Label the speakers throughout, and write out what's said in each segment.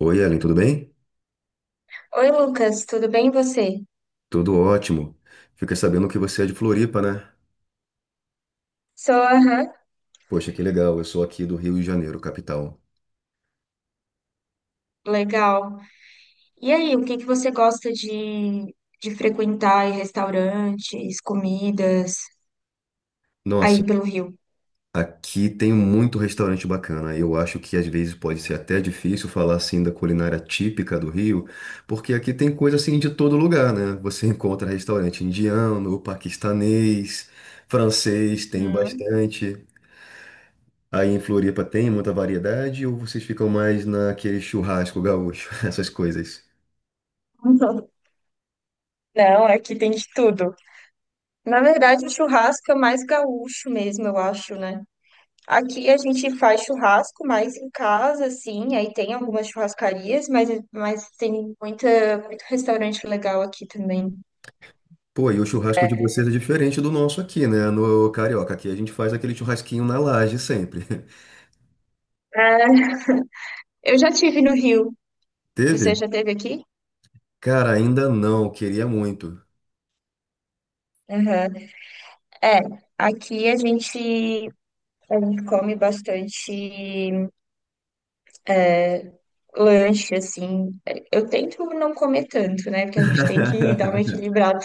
Speaker 1: Oi, Ellen, tudo bem?
Speaker 2: Oi, Lucas, tudo bem e você?
Speaker 1: Tudo ótimo. Fiquei sabendo que você é de Floripa, né?
Speaker 2: Sou, aham.
Speaker 1: Poxa, que legal. Eu sou aqui do Rio de Janeiro, capital.
Speaker 2: Legal. E aí, o que que você gosta de frequentar em restaurantes, comidas, aí
Speaker 1: Nossa,
Speaker 2: pelo Rio?
Speaker 1: aqui tem muito restaurante bacana. Eu acho que às vezes pode ser até difícil falar assim da culinária típica do Rio, porque aqui tem coisa assim de todo lugar, né? Você encontra restaurante indiano, paquistanês, francês, tem
Speaker 2: Hum.
Speaker 1: bastante. Aí em Floripa tem muita variedade ou vocês ficam mais naquele churrasco gaúcho, essas coisas?
Speaker 2: Não, aqui tem de tudo. Na verdade, o churrasco é mais gaúcho mesmo, eu acho, né? Aqui a gente faz churrasco mais em casa, assim, aí tem algumas churrascarias, mas tem muita, muito restaurante legal aqui também.
Speaker 1: Pô, e o churrasco de vocês é diferente do nosso aqui, né? No Carioca. Aqui a gente faz aquele churrasquinho na laje sempre.
Speaker 2: Ah, eu já tive no Rio.
Speaker 1: Teve?
Speaker 2: Você já teve aqui?
Speaker 1: Cara, ainda não. Queria muito.
Speaker 2: Aham. É, aqui a gente come bastante lanche, assim. Eu tento não comer tanto, né? Porque a gente tem que dar uma equilibrada.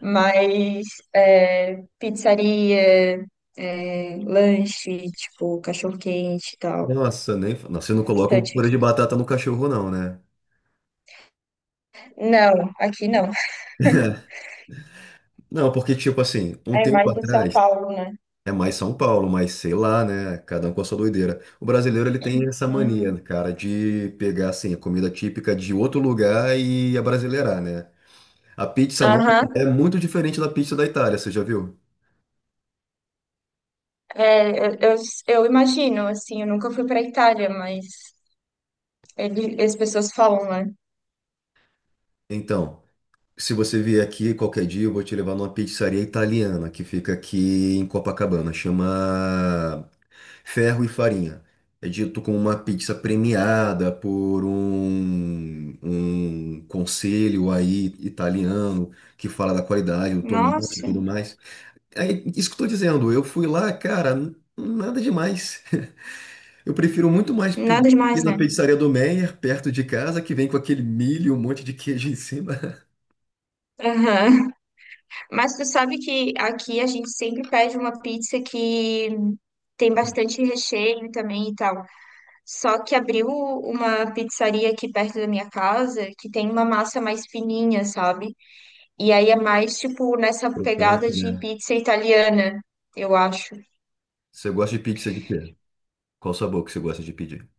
Speaker 2: Mas é, pizzaria, é, lanche, tipo, cachorro-quente e tal.
Speaker 1: Nossa, nem. Fa- Nossa, vocês
Speaker 2: Tem
Speaker 1: não colocam
Speaker 2: bastante
Speaker 1: purê de
Speaker 2: aqui.
Speaker 1: batata no cachorro, não, né?
Speaker 2: Não, aqui não.
Speaker 1: Não, porque, tipo assim, um
Speaker 2: É
Speaker 1: tempo
Speaker 2: mais em São
Speaker 1: atrás
Speaker 2: Paulo, né?
Speaker 1: é mais São Paulo, mas sei lá, né? Cada um com a sua doideira. O brasileiro, ele tem essa mania,
Speaker 2: Uhum.
Speaker 1: né, cara, de pegar, assim, a comida típica de outro lugar e abrasileirar, né? A pizza nossa é
Speaker 2: Aham.
Speaker 1: muito diferente da pizza da Itália, você já viu?
Speaker 2: É, eu imagino, assim, eu nunca fui pra Itália, mas ele, as pessoas falam, né?
Speaker 1: Então, se você vier aqui qualquer dia, eu vou te levar numa pizzaria italiana que fica aqui em Copacabana. Chama Ferro e Farinha. É dito como uma pizza premiada por um conselho aí italiano que fala da qualidade do tomate e
Speaker 2: Nossa.
Speaker 1: tudo mais. É isso que eu tô dizendo. Eu fui lá, cara, nada demais. Eu prefiro muito mais pedir
Speaker 2: Nada demais,
Speaker 1: na
Speaker 2: né?
Speaker 1: pizzaria do Meyer, perto de casa, que vem com aquele milho um monte de queijo em cima.
Speaker 2: Aham. Mas tu sabe que aqui a gente sempre pede uma pizza que tem bastante recheio também e tal. Só que abriu uma pizzaria aqui perto da minha casa que tem uma massa mais fininha, sabe? E aí é mais tipo nessa pegada
Speaker 1: Crocante,
Speaker 2: de
Speaker 1: né?
Speaker 2: pizza italiana, eu acho.
Speaker 1: Você gosta de pizza de quê? Qual sabor que você gosta de pedir?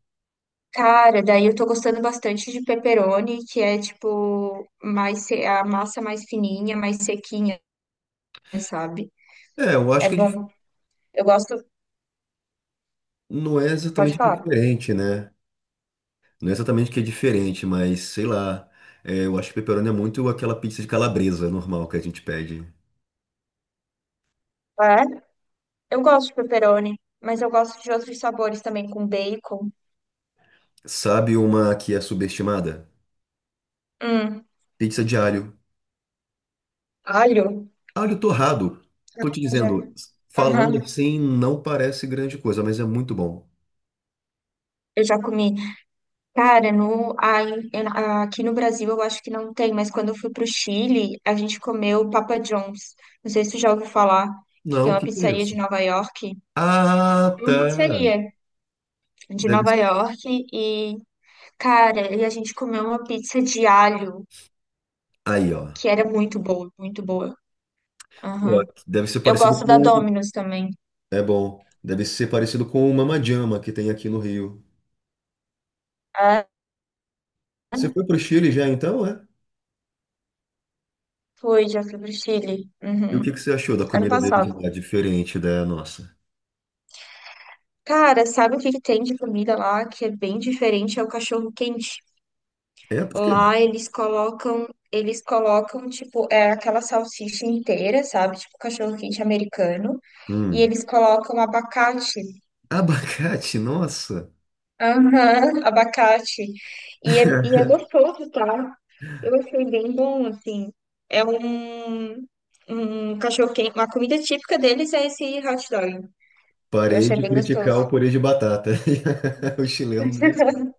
Speaker 2: Cara, daí eu tô gostando bastante de pepperoni, que é tipo mais se- a massa mais fininha, mais sequinha, sabe?
Speaker 1: É, eu
Speaker 2: É
Speaker 1: acho que
Speaker 2: bom. Eu gosto.
Speaker 1: não é
Speaker 2: Pode
Speaker 1: exatamente
Speaker 2: falar.
Speaker 1: diferente, né? Não é exatamente que é diferente, mas sei lá. É, eu acho que pepperoni é muito aquela pizza de calabresa normal que a gente pede.
Speaker 2: É? Eu gosto de pepperoni, mas eu gosto de outros sabores também, com bacon.
Speaker 1: Sabe uma que é subestimada?
Speaker 2: Hum,
Speaker 1: Pizza de alho.
Speaker 2: alho.
Speaker 1: Alho torrado. Tô te
Speaker 2: Eu Já,
Speaker 1: dizendo, falando
Speaker 2: aham,
Speaker 1: assim, não parece grande coisa, mas é muito bom.
Speaker 2: eu já comi. Cara, aqui no Brasil eu acho que não tem, mas quando eu fui pro Chile, a gente comeu Papa John's. Não sei se tu já ouviu falar, que é
Speaker 1: Não,
Speaker 2: uma
Speaker 1: que é
Speaker 2: pizzaria de
Speaker 1: isso?
Speaker 2: Nova York.
Speaker 1: Ah,
Speaker 2: É uma
Speaker 1: tá.
Speaker 2: pizzaria de
Speaker 1: Deve
Speaker 2: Nova
Speaker 1: ser.
Speaker 2: York e, cara, e a gente comeu uma pizza de alho,
Speaker 1: Aí, ó.
Speaker 2: que era muito boa, muito boa.
Speaker 1: Pô,
Speaker 2: Aham.
Speaker 1: deve ser
Speaker 2: Eu
Speaker 1: parecido
Speaker 2: gosto da
Speaker 1: com.
Speaker 2: Domino's também.
Speaker 1: É bom. Deve ser parecido com o Mamajama que tem aqui no Rio.
Speaker 2: É.
Speaker 1: Você foi pro Chile já então, é?
Speaker 2: Foi, já fui pro Chile.
Speaker 1: E o que
Speaker 2: Uhum.
Speaker 1: que você achou da
Speaker 2: Ano
Speaker 1: comida dele de
Speaker 2: passado.
Speaker 1: lá, diferente da nossa?
Speaker 2: Cara, sabe o que que tem de comida lá que é bem diferente? É o cachorro quente.
Speaker 1: É, por quê?
Speaker 2: Lá eles colocam, tipo, é aquela salsicha inteira, sabe? Tipo, cachorro quente americano. E
Speaker 1: Hum.
Speaker 2: eles colocam abacate.
Speaker 1: Abacate, nossa.
Speaker 2: Aham, abacate. E é gostoso, tá? Eu achei bem bom, assim. É um, um cachorro quente. Uma comida típica deles é esse hot dog. Eu
Speaker 1: Parei
Speaker 2: achei
Speaker 1: de
Speaker 2: bem
Speaker 1: criticar
Speaker 2: gostoso.
Speaker 1: o purê de batata. O chileno mesmo.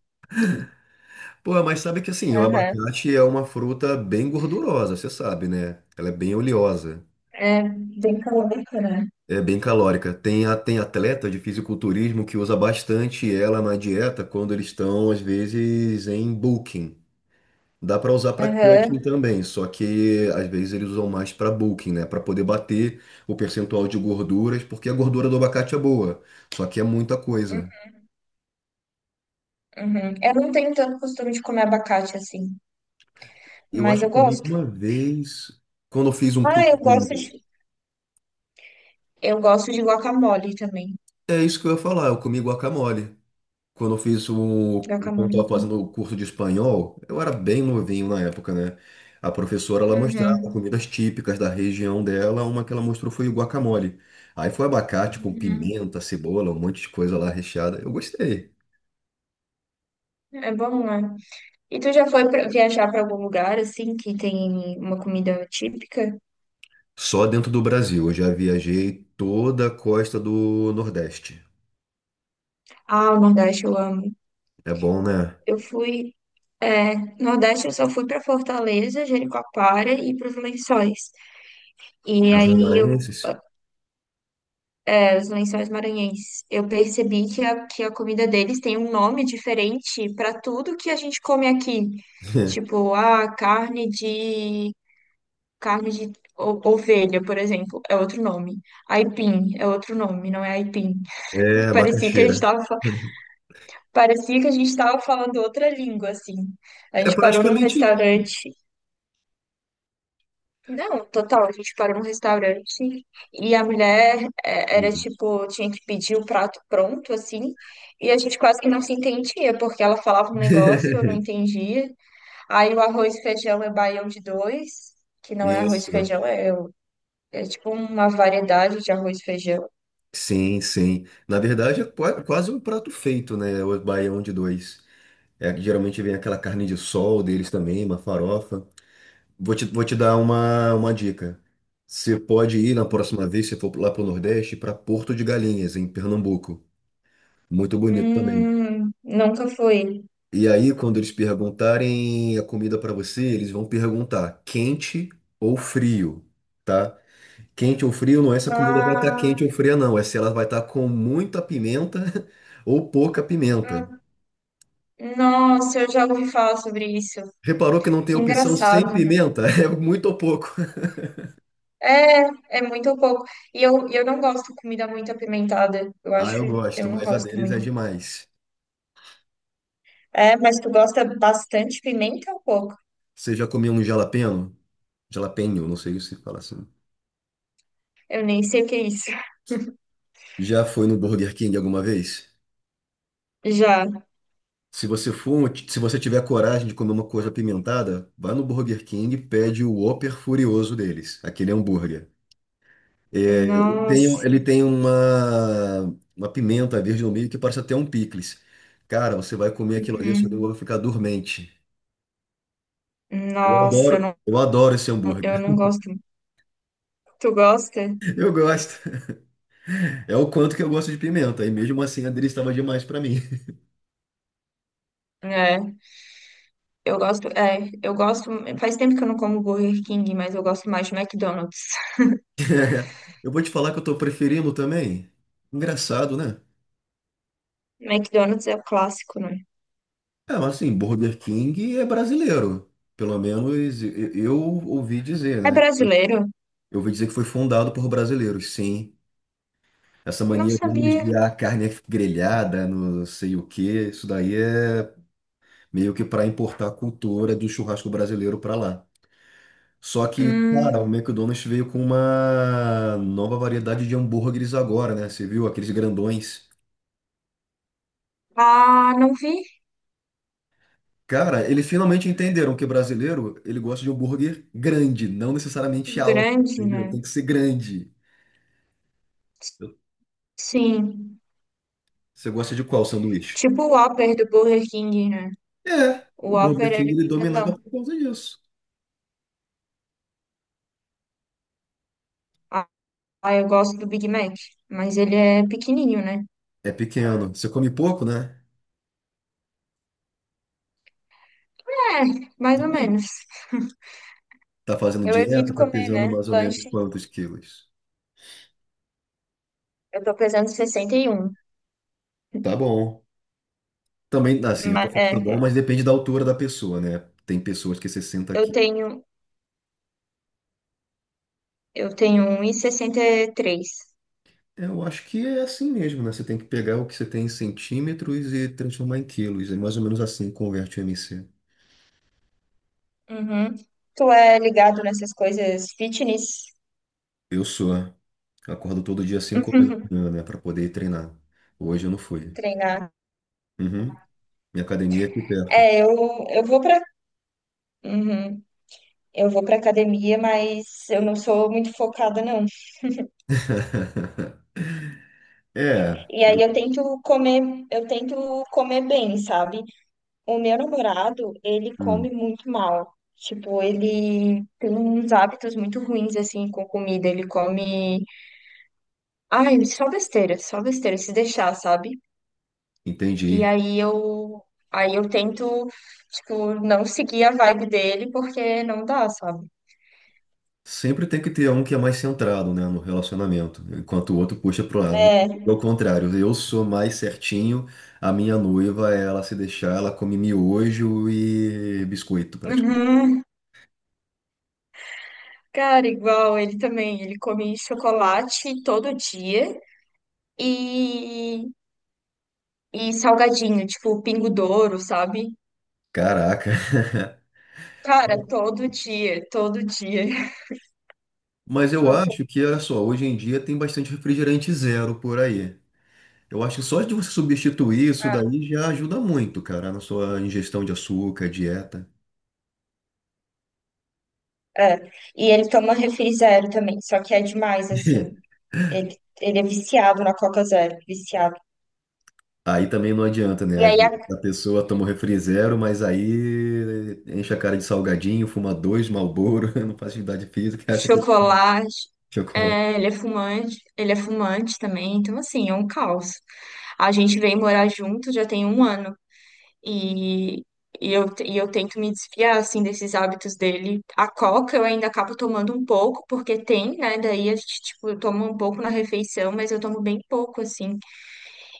Speaker 1: Pô, mas sabe que assim, o
Speaker 2: Aham,
Speaker 1: abacate é uma fruta bem gordurosa, você sabe, né? Ela é bem oleosa,
Speaker 2: é bem calórico, né?
Speaker 1: é bem calórica. Tem atleta de fisiculturismo que usa bastante ela na dieta quando eles estão, às vezes, em bulking. Dá para usar para cutting
Speaker 2: Aham,
Speaker 1: também, só que às vezes eles usam mais para bulking, né? Para poder bater o percentual de gorduras, porque a gordura do abacate é boa, só que é muita coisa.
Speaker 2: uhum. Eu não tenho tanto costume de comer abacate assim,
Speaker 1: Eu acho
Speaker 2: mas
Speaker 1: que
Speaker 2: eu
Speaker 1: eu comi
Speaker 2: gosto.
Speaker 1: uma vez, quando eu fiz um
Speaker 2: Ah,
Speaker 1: curso de...
Speaker 2: eu gosto de guacamole também.
Speaker 1: É isso que eu ia falar, eu comi guacamole. Quando eu
Speaker 2: Guacamole é
Speaker 1: estava
Speaker 2: bom.
Speaker 1: fazendo o curso de espanhol, eu era bem novinho na época, né? A professora, ela mostrava
Speaker 2: Uhum.
Speaker 1: comidas típicas da região dela, uma que ela mostrou foi o guacamole. Aí foi abacate com
Speaker 2: Uhum.
Speaker 1: pimenta, cebola, um monte de coisa lá recheada. Eu gostei.
Speaker 2: É bom, né? E tu já foi pra, viajar para algum lugar assim que tem uma comida típica?
Speaker 1: Só dentro do Brasil, eu já viajei toda a costa do Nordeste.
Speaker 2: Ah, o Nordeste eu amo.
Speaker 1: É bom, né?
Speaker 2: Eu fui, é, Nordeste eu só fui para Fortaleza, Jericoacoara e para os Lençóis. E
Speaker 1: Lençóis
Speaker 2: aí eu
Speaker 1: Maranhenses?
Speaker 2: os lençóis maranhenses. Eu percebi que que a comida deles tem um nome diferente para tudo que a gente come aqui. Tipo, a carne de o- ovelha, por exemplo, é outro nome. Aipim é outro nome, não é aipim.
Speaker 1: É,
Speaker 2: Parecia que a gente
Speaker 1: macaxeira.
Speaker 2: estava parecia que a gente estava falando outra língua assim. A
Speaker 1: É
Speaker 2: gente parou num
Speaker 1: praticamente isso.
Speaker 2: restaurante Não, total, a gente parou num restaurante e a mulher é, era tipo, tinha que pedir o prato pronto, assim, e a gente quase que não se entendia, porque ela falava um negócio, eu não entendia. Aí o arroz e feijão é baião de dois, que não é arroz e
Speaker 1: Isso.
Speaker 2: feijão, é tipo uma variedade de arroz e feijão.
Speaker 1: Sim, sim. Na verdade, é quase um prato feito, né? O baião de dois. É, geralmente vem aquela carne de sol deles também, uma farofa. Vou te dar uma dica. Você pode ir na próxima vez, se for lá para o Nordeste, para Porto de Galinhas, em Pernambuco. Muito bonito também.
Speaker 2: Nunca fui.
Speaker 1: E aí, quando eles perguntarem a comida para você, eles vão perguntar quente ou frio, tá? Quente ou frio, não é se a comida vai estar
Speaker 2: Ah,
Speaker 1: quente ou fria, não. É se ela vai estar com muita pimenta ou pouca pimenta.
Speaker 2: hum, nossa, eu já ouvi falar sobre isso.
Speaker 1: Reparou que não tem
Speaker 2: Que
Speaker 1: opção sem
Speaker 2: engraçado.
Speaker 1: pimenta? É muito ou pouco.
Speaker 2: É, é muito pouco. E eu não gosto de comida muito apimentada. Eu
Speaker 1: Ah, eu
Speaker 2: acho, eu
Speaker 1: gosto,
Speaker 2: não
Speaker 1: mas a
Speaker 2: gosto
Speaker 1: deles é
Speaker 2: muito.
Speaker 1: demais.
Speaker 2: É, mas tu gosta bastante pimenta ou pouco?
Speaker 1: Você já comeu um jalapeno? Jalapeño, não sei se fala assim.
Speaker 2: Eu nem sei o que é isso.
Speaker 1: Já foi no Burger King alguma vez?
Speaker 2: Já.
Speaker 1: Se você for, se você tiver coragem de comer uma coisa apimentada, vá no Burger King e pede o Whopper Furioso deles, aquele hambúrguer. É, ele tem, um,
Speaker 2: Nossa.
Speaker 1: ele tem uma pimenta verde no meio que parece até um picles. Cara, você vai comer aquilo ali, o seu negócio
Speaker 2: Uhum.
Speaker 1: vai ficar dormente.
Speaker 2: Nossa,
Speaker 1: Eu adoro esse hambúrguer.
Speaker 2: eu não gosto. Tu gosta?
Speaker 1: Eu gosto. É o quanto que eu gosto de pimenta. E mesmo assim, a dele estava demais para mim.
Speaker 2: É. Eu gosto, é, eu gosto. Faz tempo que eu não como Burger King, mas eu gosto mais de McDonald's.
Speaker 1: Eu vou te falar que eu tô preferindo também. Engraçado, né?
Speaker 2: McDonald's é o clássico, né?
Speaker 1: É, mas assim, Burger King é brasileiro. Pelo menos eu ouvi dizer,
Speaker 2: É
Speaker 1: né?
Speaker 2: brasileiro?
Speaker 1: Eu ouvi dizer que foi fundado por brasileiros, sim. Essa
Speaker 2: Não
Speaker 1: mania deles
Speaker 2: sabia.
Speaker 1: de a carne é grelhada, não sei o quê, isso daí é meio que para importar a cultura do churrasco brasileiro para lá. Só que, cara,
Speaker 2: Hum.
Speaker 1: o McDonald's veio com uma nova variedade de hambúrgueres agora, né? Você viu aqueles grandões?
Speaker 2: Ah, não vi.
Speaker 1: Cara, eles finalmente entenderam que brasileiro, ele gosta de hambúrguer grande, não necessariamente alto,
Speaker 2: Grande,
Speaker 1: entendeu?
Speaker 2: né?
Speaker 1: Tem que ser grande.
Speaker 2: Sim,
Speaker 1: Você gosta de qual sanduíche?
Speaker 2: tipo o Whopper do Burger King, né?
Speaker 1: É,
Speaker 2: O
Speaker 1: o
Speaker 2: Whopper,
Speaker 1: Burger
Speaker 2: ele
Speaker 1: King
Speaker 2: é
Speaker 1: ele
Speaker 2: bem grandão.
Speaker 1: dominava por causa disso.
Speaker 2: Ah, eu gosto do Big Mac, mas ele é pequenininho, né?
Speaker 1: É pequeno. Você come pouco, né?
Speaker 2: É, mais ou menos.
Speaker 1: Tá fazendo
Speaker 2: Eu
Speaker 1: dieta,
Speaker 2: evito
Speaker 1: tá
Speaker 2: comer,
Speaker 1: pesando
Speaker 2: né?
Speaker 1: mais ou menos
Speaker 2: Lanche.
Speaker 1: quantos quilos?
Speaker 2: Eu tô pesando 61.
Speaker 1: Tá bom. Também, assim, eu tô
Speaker 2: Mas,
Speaker 1: falando tá bom,
Speaker 2: é,
Speaker 1: mas depende da altura da pessoa, né? Tem pessoas que 60
Speaker 2: eu
Speaker 1: quilos.
Speaker 2: tenho, eu tenho 1,63.
Speaker 1: Eu acho que é assim mesmo, né? Você tem que pegar o que você tem em centímetros e transformar em quilos. É mais ou menos assim que converte o MC.
Speaker 2: Uhum. Tu é ligado nessas coisas fitness?
Speaker 1: Eu sou. Acordo todo dia 5 horas da manhã, né? Pra poder ir treinar. Hoje eu não fui.
Speaker 2: Treinar.
Speaker 1: Uhum. Minha academia é aqui perto.
Speaker 2: É, eu, eu vou pra, Uhum. Eu vou pra academia, mas eu não sou muito focada, não.
Speaker 1: É,
Speaker 2: E
Speaker 1: eu
Speaker 2: aí eu tento comer bem, sabe? O meu namorado, ele come
Speaker 1: hum,
Speaker 2: muito mal. Tipo, ele tem uns hábitos muito ruins assim com comida. Ele come, ai, só besteira, se deixar, sabe? E
Speaker 1: entendi.
Speaker 2: aí eu, aí eu tento, tipo, não seguir a vibe dele porque não dá, sabe?
Speaker 1: Sempre tem que ter um que é mais centrado, né, no relacionamento, enquanto o outro puxa pro lado.
Speaker 2: É.
Speaker 1: Ao contrário, eu sou mais certinho, a minha noiva, ela se deixar, ela come miojo e biscoito, praticamente.
Speaker 2: Uhum. Cara, igual ele também, ele come chocolate todo dia. E e salgadinho, tipo Pingo Douro, sabe?
Speaker 1: Caraca.
Speaker 2: Cara, todo dia, todo dia.
Speaker 1: Mas eu
Speaker 2: Você
Speaker 1: acho que, olha só, hoje em dia tem bastante refrigerante zero por aí. Eu acho que só de você substituir isso
Speaker 2: tá-
Speaker 1: daí já ajuda muito, cara, na sua ingestão de açúcar, dieta.
Speaker 2: é. E ele toma refri zero também, só que é demais, assim. Ele é viciado na Coca Zero, viciado.
Speaker 1: Aí também não adianta, né?
Speaker 2: E
Speaker 1: Às
Speaker 2: aí, a...
Speaker 1: vezes a pessoa toma o refri zero, mas aí enche a cara de salgadinho, fuma dois Marlboro, não faz atividade física, acha que é
Speaker 2: chocolate.
Speaker 1: chocolate.
Speaker 2: É, ele é fumante também, então assim, é um caos. A gente veio morar junto já tem 1 ano. E, e eu tento me desfiar, assim, desses hábitos dele. A coca eu ainda acabo tomando um pouco, porque tem, né? Daí a gente, tipo, eu tomo um pouco na refeição, mas eu tomo bem pouco, assim.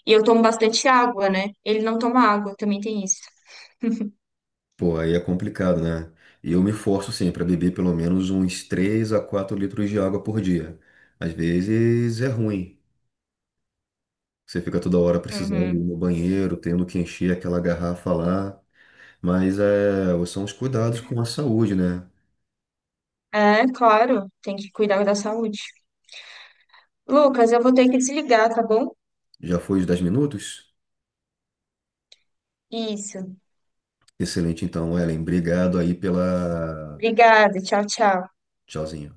Speaker 2: E eu tomo bastante água, né? Ele não toma água, também tem isso.
Speaker 1: Pô, aí é complicado, né? E eu me forço sempre a beber pelo menos uns 3 a 4 litros de água por dia. Às vezes é ruim. Você fica toda hora precisando ir
Speaker 2: Uhum.
Speaker 1: no banheiro, tendo que encher aquela garrafa lá. Mas é, são os cuidados com a saúde, né?
Speaker 2: É, claro, tem que cuidar da saúde. Lucas, eu vou ter que desligar, tá bom?
Speaker 1: Já foi os 10 minutos?
Speaker 2: Isso.
Speaker 1: Excelente, então, Ellen. Obrigado aí pela
Speaker 2: Obrigada, tchau, tchau.
Speaker 1: Sozinho.